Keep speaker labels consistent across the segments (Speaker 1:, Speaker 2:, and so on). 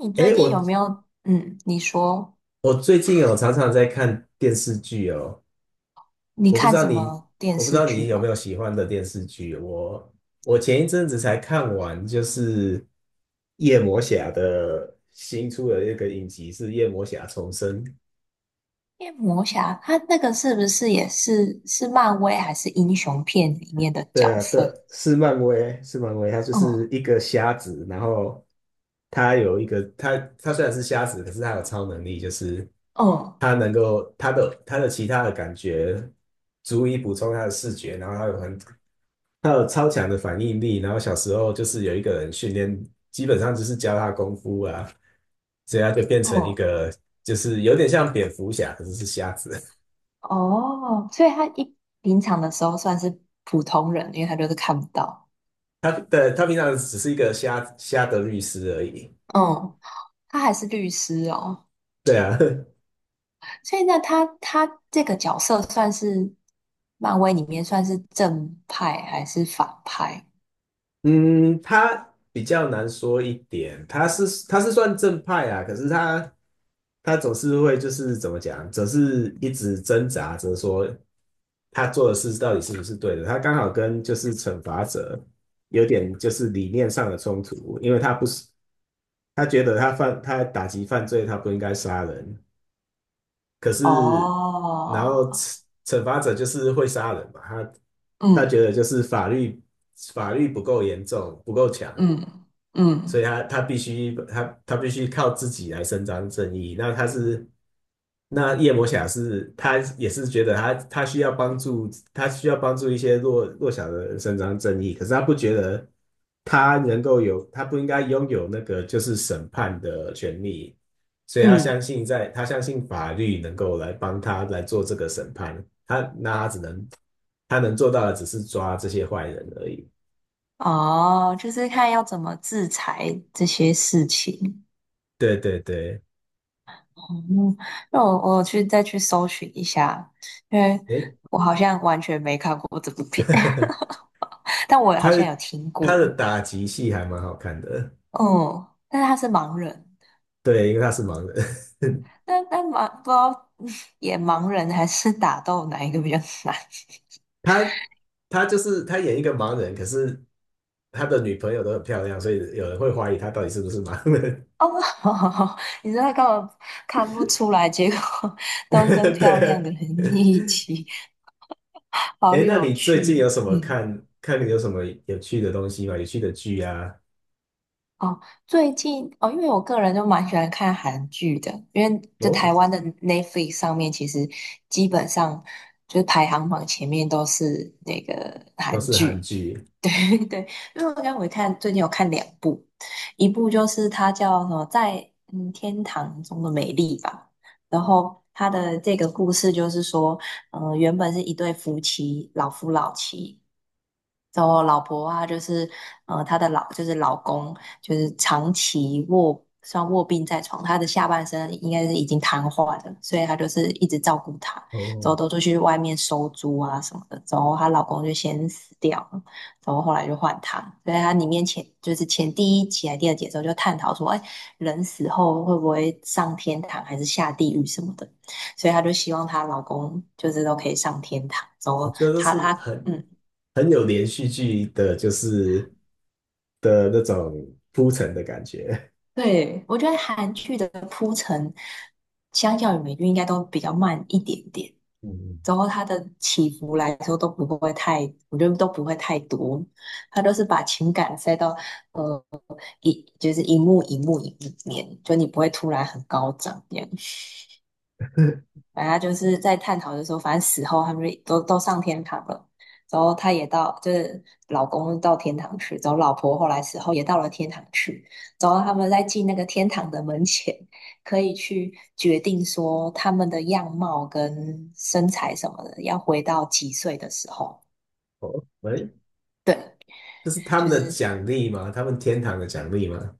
Speaker 1: 你最
Speaker 2: 诶，
Speaker 1: 近
Speaker 2: 我
Speaker 1: 有没有，你说
Speaker 2: 我最近有常常在看电视剧哦。
Speaker 1: 你
Speaker 2: 我不知
Speaker 1: 看
Speaker 2: 道
Speaker 1: 什
Speaker 2: 你，
Speaker 1: 么电
Speaker 2: 我不知
Speaker 1: 视
Speaker 2: 道你
Speaker 1: 剧
Speaker 2: 有没
Speaker 1: 吗？
Speaker 2: 有喜欢的电视剧。我前一阵子才看完，就是夜魔侠的新出的一个影集，是夜魔侠重生。
Speaker 1: 夜魔侠，他那个是不是也是漫威还是英雄片里面的
Speaker 2: 对
Speaker 1: 角
Speaker 2: 啊，对，
Speaker 1: 色？
Speaker 2: 是漫威，是漫威，他就是
Speaker 1: 嗯
Speaker 2: 一个瞎子，然后他有一个，他虽然是瞎子，可是他有超能力，就是
Speaker 1: 嗯
Speaker 2: 他能够他的其他的感觉足以补充他的视觉，然后他有超强的反应力，然后小时候就是有一个人训练，基本上就是教他功夫啊，所以他就变成一
Speaker 1: 嗯。
Speaker 2: 个，就是有点像蝙蝠侠，可是是瞎子。
Speaker 1: 哦，所以他一平常的时候算是普通人，因为他就是看不到。
Speaker 2: 他平常只是一个瞎瞎的律师而已。
Speaker 1: 嗯，他还是律师哦，
Speaker 2: 对啊，
Speaker 1: 所以那他这个角色算是漫威里面算是正派还是反派？
Speaker 2: 嗯，他比较难说一点，他算正派啊，可是他总是会就是怎么讲，总是一直挣扎着说他做的事到底是不是对的。他刚好跟就是惩罚者有点就是理念上的冲突，因为他不是他觉得他打击犯罪，他不应该杀人，可是然
Speaker 1: 哦。
Speaker 2: 后惩罚者就是会杀人嘛，他觉
Speaker 1: 嗯
Speaker 2: 得就是法律不够严重，不够强，
Speaker 1: 嗯
Speaker 2: 所以
Speaker 1: 嗯
Speaker 2: 他必须靠自己来伸张正义。那夜魔侠是他也是觉得他需要帮助，他需要帮助一些弱小的人伸张正义，可是他不觉得他不应该拥有那个就是审判的权利，所以
Speaker 1: 嗯。
Speaker 2: 他相信法律能够来帮他来做这个审判，他那他只能他能做到的只是抓这些坏人而已。
Speaker 1: 哦，就是看要怎么制裁这些事情。
Speaker 2: 对对对，
Speaker 1: 哦，那我再去搜寻一下，因为
Speaker 2: 诶，
Speaker 1: 我好像完全没看过这部片，但我
Speaker 2: 他
Speaker 1: 好像有听
Speaker 2: 他的
Speaker 1: 过。
Speaker 2: 打击戏还蛮好看的。
Speaker 1: 哦，但是他是盲人，
Speaker 2: 对，因为他是盲人。
Speaker 1: 那那盲不知道 演盲人还是打斗哪一个比较难？
Speaker 2: 他他就是他演一个盲人，可是他的女朋友都很漂亮，所以有人会怀疑他到底是不是盲人。
Speaker 1: 哦，你根本看不出来，结果 都跟 漂亮的
Speaker 2: 对。
Speaker 1: 人一起，好
Speaker 2: 哎，那
Speaker 1: 有
Speaker 2: 你最近
Speaker 1: 趣。嗯。
Speaker 2: 有什么有趣的东西吗？有趣的剧啊？
Speaker 1: 哦，最近哦，因为我个人就蛮喜欢看韩剧的，因为在台
Speaker 2: 哦，
Speaker 1: 湾的 Netflix 上面，其实基本上就是排行榜前面都是那个
Speaker 2: 都
Speaker 1: 韩
Speaker 2: 是韩
Speaker 1: 剧。
Speaker 2: 剧
Speaker 1: 对对，因为我看最近有看两部，一部就是它叫什么在天堂中的美丽吧，然后它的这个故事就是说，原本是一对夫妻，老夫老妻。然后老婆啊，就是她的老公，就是长期卧病在床，她的下半身应该是已经瘫痪了，所以她就是一直照顾她，之后
Speaker 2: 哦。
Speaker 1: 都出去外面收租啊什么的，之后她老公就先死掉了，然后后来就换她，所以她里面前就是前第一集还第二集的时候就探讨说，哎，人死后会不会上天堂还是下地狱什么的，所以她就希望她老公就是都可以上天堂，之
Speaker 2: 我
Speaker 1: 后
Speaker 2: 觉得都
Speaker 1: 她
Speaker 2: 是
Speaker 1: 她。
Speaker 2: 很
Speaker 1: 嗯。
Speaker 2: 有连续剧的，的那种铺陈的感觉。
Speaker 1: 对，我觉得韩剧的相较于美剧应该都比较慢一点点，
Speaker 2: 嗯，
Speaker 1: 然后它的起伏来说都不会太，我觉得都不会太多，它都是把情感塞到呃一就是一幕一幕一幕里面，就你不会突然很高涨这样。反正他就是在探讨的时候，反正死后他们就都上天堂了。然后他也到，就是老公到天堂去，然后老婆后来死后也到了天堂去。然后他们在进那个天堂的门前，可以去决定说他们的样貌跟身材什么的，要回到几岁的时候。
Speaker 2: 哦，喂，
Speaker 1: 对，
Speaker 2: 这是他们
Speaker 1: 就
Speaker 2: 的
Speaker 1: 是
Speaker 2: 奖励吗？他们天堂的奖励吗？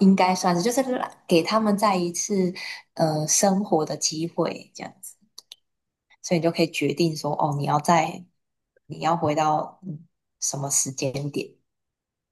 Speaker 1: 应该算是，就是给他们再一次生活的机会，这样子。所以你就可以决定说，哦，你要回到什么时间点，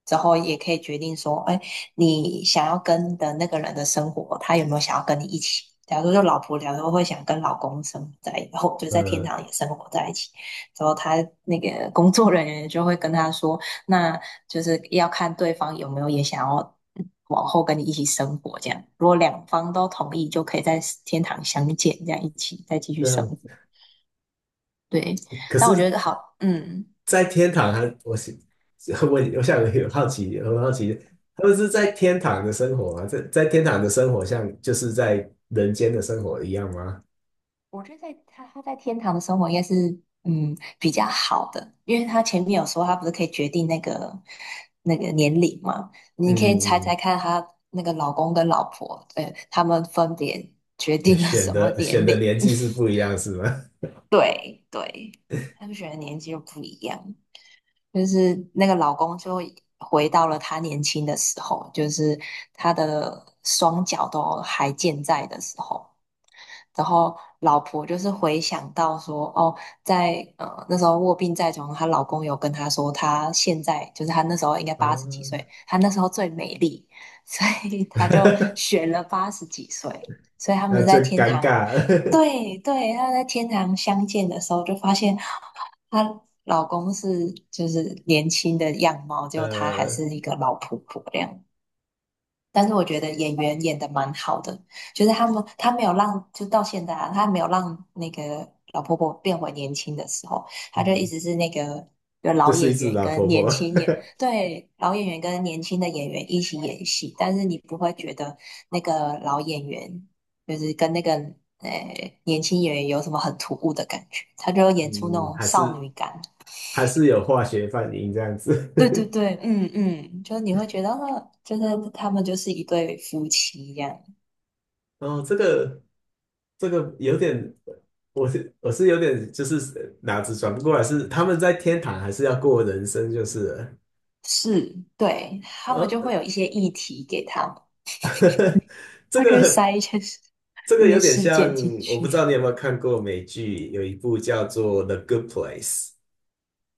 Speaker 1: 之后也可以决定说，哎，你想要跟的那个人的生活，他有没有想要跟你一起？假如说老婆，假如说会想跟老公生活在一起，然后就在天
Speaker 2: 呃，
Speaker 1: 堂也生活在一起，之后他那个工作人员就会跟他说，那就是要看对方有没有也想要往后跟你一起生活，这样如果两方都同意，就可以在天堂相见，这样一起再继续
Speaker 2: 这
Speaker 1: 生
Speaker 2: 样。
Speaker 1: 活。对，
Speaker 2: 可
Speaker 1: 但我觉
Speaker 2: 是，
Speaker 1: 得好，
Speaker 2: 在天堂还，我是 我我想有好奇，很好奇，他们是在天堂的生活吗？在天堂的生活像就是在人间的生活一样吗？
Speaker 1: 我觉得他在天堂的生活应该是比较好的，因为他前面有说他不是可以决定那个年龄嘛，你可以猜
Speaker 2: 嗯，
Speaker 1: 猜看他那个老公跟老婆，他们分别决定了什么
Speaker 2: 选
Speaker 1: 年
Speaker 2: 的
Speaker 1: 龄？
Speaker 2: 年纪是不一样是吗？
Speaker 1: 对对，他们选的年纪又不一样，就是那个老公就回到了他年轻的时候，就是他的双脚都还健在的时候。然后老婆就是回想到说，哦，在那时候卧病在床，她老公有跟她说，她现在就是她那时候应该八十几岁，
Speaker 2: 啊，
Speaker 1: 她那时候最美丽，所以她就 选了八十几岁，所以他
Speaker 2: 那
Speaker 1: 们
Speaker 2: 就
Speaker 1: 在天
Speaker 2: 尴
Speaker 1: 堂，
Speaker 2: 尬了。
Speaker 1: 对对，他们在天堂相见的时候就发现她老公是年轻的样貌，结果她还
Speaker 2: 呃，
Speaker 1: 是一个老婆婆这样。但是我觉得演员演的蛮好的，就是他没有让，就到现在啊，他没有让那个老婆婆变回年轻的时候，他就一
Speaker 2: 嗯，
Speaker 1: 直是那个有
Speaker 2: 就
Speaker 1: 老
Speaker 2: 是一
Speaker 1: 演
Speaker 2: 只
Speaker 1: 员
Speaker 2: 老
Speaker 1: 跟
Speaker 2: 婆婆，
Speaker 1: 年轻演，对，老演员跟年轻的演员一起演戏，但是你不会觉得那个老演员就是跟那个年轻演员有什么很突兀的感觉，他就 演出那
Speaker 2: 嗯，
Speaker 1: 种
Speaker 2: 还
Speaker 1: 少
Speaker 2: 是
Speaker 1: 女感。
Speaker 2: 有化学反应这样子。
Speaker 1: 对对 对，嗯嗯，就是你会觉得，就是他们就是一对夫妻一样。
Speaker 2: 哦，这个。这个有点，我是有点就是脑子转不过来，是他们在天堂还是要过人生，就是了
Speaker 1: 是，对，他们
Speaker 2: 呃，
Speaker 1: 就会有一些议题给他们，
Speaker 2: 这
Speaker 1: 他就会
Speaker 2: 个
Speaker 1: 塞
Speaker 2: 这
Speaker 1: 一
Speaker 2: 个
Speaker 1: 些
Speaker 2: 有点
Speaker 1: 事件
Speaker 2: 像，
Speaker 1: 进
Speaker 2: 我不
Speaker 1: 去。
Speaker 2: 知道你有没有看过美剧，有一部叫做《The Good Place》，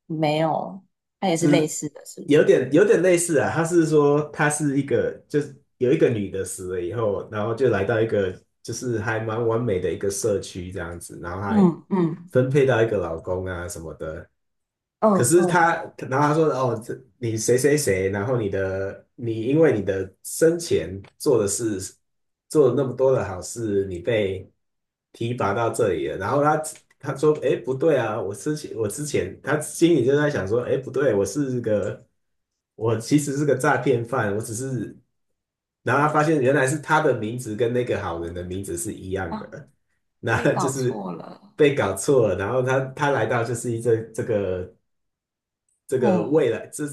Speaker 1: 没有，他也是
Speaker 2: 就
Speaker 1: 类
Speaker 2: 是
Speaker 1: 似的，是不
Speaker 2: 有
Speaker 1: 是
Speaker 2: 点类似啊，他是说他是一个就是有一个女的死了以后，然后就来到一个就是还蛮完美的一个社区这样子，然后还
Speaker 1: 嗯。嗯
Speaker 2: 分配到一个老公啊什么的。可
Speaker 1: 嗯
Speaker 2: 是
Speaker 1: 嗯
Speaker 2: 他，然后他说哦，这你谁谁谁，然后你因为你的生前做的事，做了那么多的好事，你被提拔到这里了。然后他说，哎，不对啊，我之前我之前他心里就在想说，哎，不对，我其实是个诈骗犯，我只是，然后他发现原来是他的名字跟那个好人的名字是一样
Speaker 1: 啊，
Speaker 2: 的，那
Speaker 1: 所以
Speaker 2: 就
Speaker 1: 搞
Speaker 2: 是
Speaker 1: 错了。
Speaker 2: 被搞错了。然后他
Speaker 1: 嗯。
Speaker 2: 来到就是这个。这个
Speaker 1: 哦。
Speaker 2: 未来，这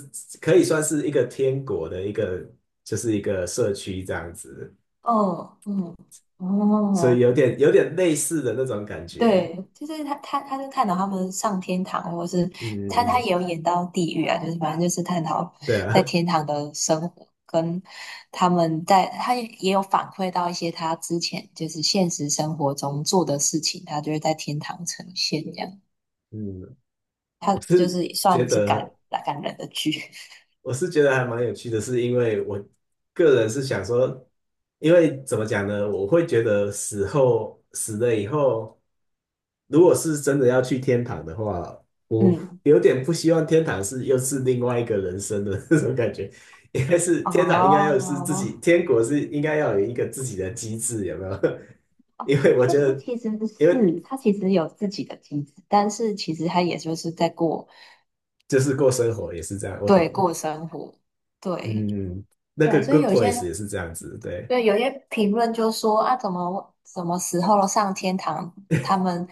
Speaker 2: 可以算是一个天国的一个，就是一个社区这样子，
Speaker 1: 哦。嗯。
Speaker 2: 所以
Speaker 1: 哦，
Speaker 2: 有点类似的那种感觉。
Speaker 1: 对，就是他就探讨他们上天堂，或是
Speaker 2: 嗯嗯
Speaker 1: 他
Speaker 2: 嗯，
Speaker 1: 也有演到地狱啊，就是反正就是探讨
Speaker 2: 对啊，
Speaker 1: 在天堂的生活，跟他们在，他也有反馈到一些他之前就是现实生活中做的事情，他就会在天堂呈现这样，
Speaker 2: 嗯，
Speaker 1: 他
Speaker 2: 我
Speaker 1: 就
Speaker 2: 是
Speaker 1: 是
Speaker 2: 觉
Speaker 1: 算是感
Speaker 2: 得
Speaker 1: 感人的剧，
Speaker 2: 我是觉得还蛮有趣的，是因为我个人是想说，因为怎么讲呢，我会觉得死了以后。如果是真的要去天堂的话，我
Speaker 1: 嗯，
Speaker 2: 有点不希望天堂是又是另外一个人生的那种感觉，应该是
Speaker 1: 哦。
Speaker 2: 天堂应该要是自己，
Speaker 1: 哦，
Speaker 2: 天国是应该要有一个自己的机制，有没有？因为我
Speaker 1: 那
Speaker 2: 觉
Speaker 1: 他
Speaker 2: 得，
Speaker 1: 其实
Speaker 2: 因为
Speaker 1: 是，他其实有自己的机制，但是其实他也就是在过，
Speaker 2: 就是过生活也是这样，我
Speaker 1: 对，
Speaker 2: 懂。
Speaker 1: 过生活，对，
Speaker 2: 嗯，那
Speaker 1: 对啊，
Speaker 2: 个
Speaker 1: 所以
Speaker 2: Good Place 也是这样子，对。
Speaker 1: 有些评论就说啊，怎么什么时候上天堂，他们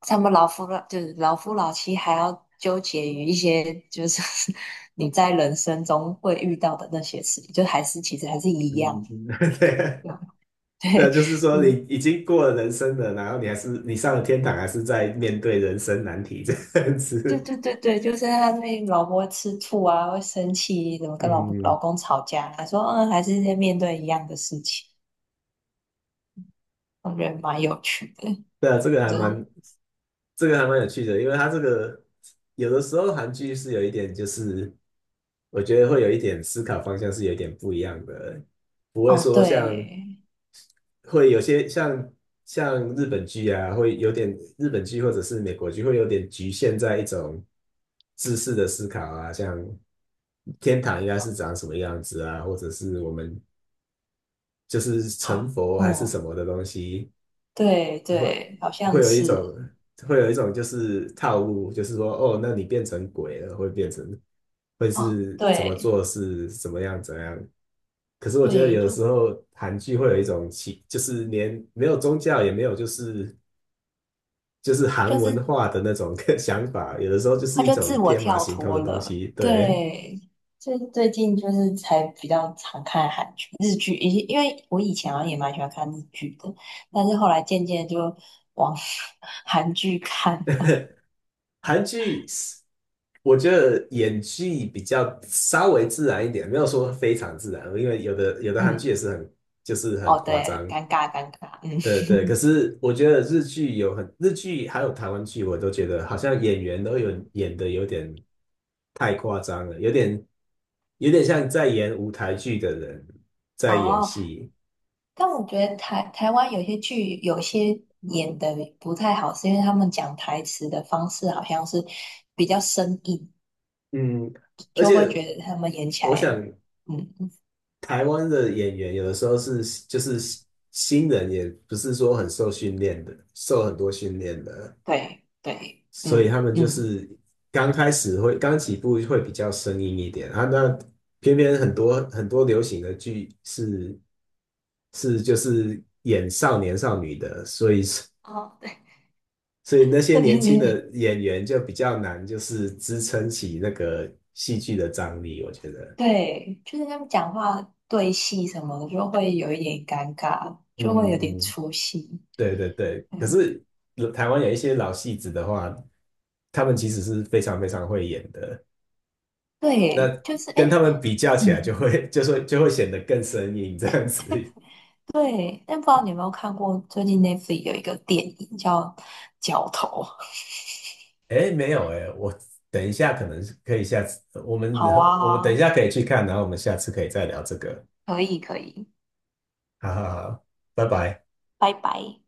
Speaker 1: 他们老夫老妻还要纠结于一些就是 你在人生中会遇到的那些事情，就还是其实还是一样。
Speaker 2: 嗯，嗯嗯 对，
Speaker 1: 对啊，
Speaker 2: 对，就是 说你
Speaker 1: 嗯，
Speaker 2: 已经过了人生了，然后你还是你上了天堂，还是在面对人生难题这样
Speaker 1: 对
Speaker 2: 子。
Speaker 1: 对对对，就是他那老婆会吃醋啊，会生气，怎么跟老婆老
Speaker 2: 嗯，
Speaker 1: 公吵架啊，他说嗯，还是在面对一样的事情，我觉得蛮有趣的。
Speaker 2: 对啊，这个还
Speaker 1: 就是
Speaker 2: 蛮有趣的，因为它这个有的时候韩剧是有一点，就是我觉得会有一点思考方向是有一点不一样的，不会
Speaker 1: 哦，
Speaker 2: 说像
Speaker 1: 对。
Speaker 2: 会有些像日本剧啊，会有点日本剧或者是美国剧会有点局限在一种知识的思考啊，像天堂应该是长什么样子啊，或者是我们就是成
Speaker 1: 好，
Speaker 2: 佛还是
Speaker 1: 哦，
Speaker 2: 什么的东西。
Speaker 1: 对
Speaker 2: 会
Speaker 1: 对，好像
Speaker 2: 有一
Speaker 1: 是，
Speaker 2: 种就是套路，就是说哦，那你变成鬼了，会变成会
Speaker 1: 哦，
Speaker 2: 是怎么
Speaker 1: 对
Speaker 2: 做是怎么样怎样。可是我觉得
Speaker 1: 对，
Speaker 2: 有的时
Speaker 1: 就
Speaker 2: 候韩剧会有一种奇，就是连没有宗教也没有就是
Speaker 1: 他
Speaker 2: 韩
Speaker 1: 就
Speaker 2: 文
Speaker 1: 是
Speaker 2: 化的那种 想法，有的时候就
Speaker 1: 他
Speaker 2: 是一
Speaker 1: 就自
Speaker 2: 种
Speaker 1: 我
Speaker 2: 天马
Speaker 1: 跳
Speaker 2: 行空
Speaker 1: 脱
Speaker 2: 的东
Speaker 1: 了，
Speaker 2: 西。对，
Speaker 1: 对，最近就是才比较常看韩剧、日剧，因为我以前好像也蛮喜欢看日剧的，但是后来渐渐就往 韩剧看，
Speaker 2: 韩剧是我觉得演技比较稍微自然一点，没有说非常自然，因为有的韩
Speaker 1: 嗯，
Speaker 2: 剧也是很很
Speaker 1: 哦，
Speaker 2: 夸
Speaker 1: 对，
Speaker 2: 张，
Speaker 1: 尴尬尴尬，嗯，
Speaker 2: 对对，可是我觉得日剧还有台湾剧，我都觉得好像演员都有演的有点太夸张了，有点像在演舞台剧的人 在演
Speaker 1: 哦，
Speaker 2: 戏。
Speaker 1: 但我觉得台湾有些剧有些演的不太好，是因为他们讲台词的方式好像是比较生硬，
Speaker 2: 嗯，而
Speaker 1: 就会觉
Speaker 2: 且
Speaker 1: 得他们演起
Speaker 2: 我想
Speaker 1: 来，嗯，
Speaker 2: 台湾的演员有的时候是就是新人，也不是说很受训练的，受很多训练的。
Speaker 1: 对对，
Speaker 2: 所以
Speaker 1: 嗯
Speaker 2: 他们就
Speaker 1: 嗯，
Speaker 2: 是刚起步会比较生硬一点啊，那偏偏很多流行的剧是是就是演少年少女的，所以
Speaker 1: 哦，对，
Speaker 2: 所以那 些
Speaker 1: 对
Speaker 2: 年
Speaker 1: 对
Speaker 2: 轻
Speaker 1: 对
Speaker 2: 的演员就比较难，就是支撑起那个戏剧的张力，我觉得。
Speaker 1: 对就是他们讲话对戏什么的就会有一点尴尬，就会有点
Speaker 2: 嗯嗯，
Speaker 1: 出戏。
Speaker 2: 对对对，可
Speaker 1: 嗯，
Speaker 2: 是台湾有一些老戏子的话，他们其实是非常非常会演的。
Speaker 1: 对，
Speaker 2: 那
Speaker 1: 就是哎，
Speaker 2: 跟他
Speaker 1: 诶。
Speaker 2: 们比较起来，
Speaker 1: 嗯，
Speaker 2: 就会显得更生硬这样子。
Speaker 1: 对，但不知道你有没有看过最近 Netflix 有一个电影叫《角头》。
Speaker 2: 哎，没有哎，等一下可能可以下次，
Speaker 1: 好
Speaker 2: 我们等一
Speaker 1: 啊，
Speaker 2: 下可以去看，然后我们下次可以再聊这个。
Speaker 1: 可以可以，
Speaker 2: 好好好，拜拜。
Speaker 1: 拜拜。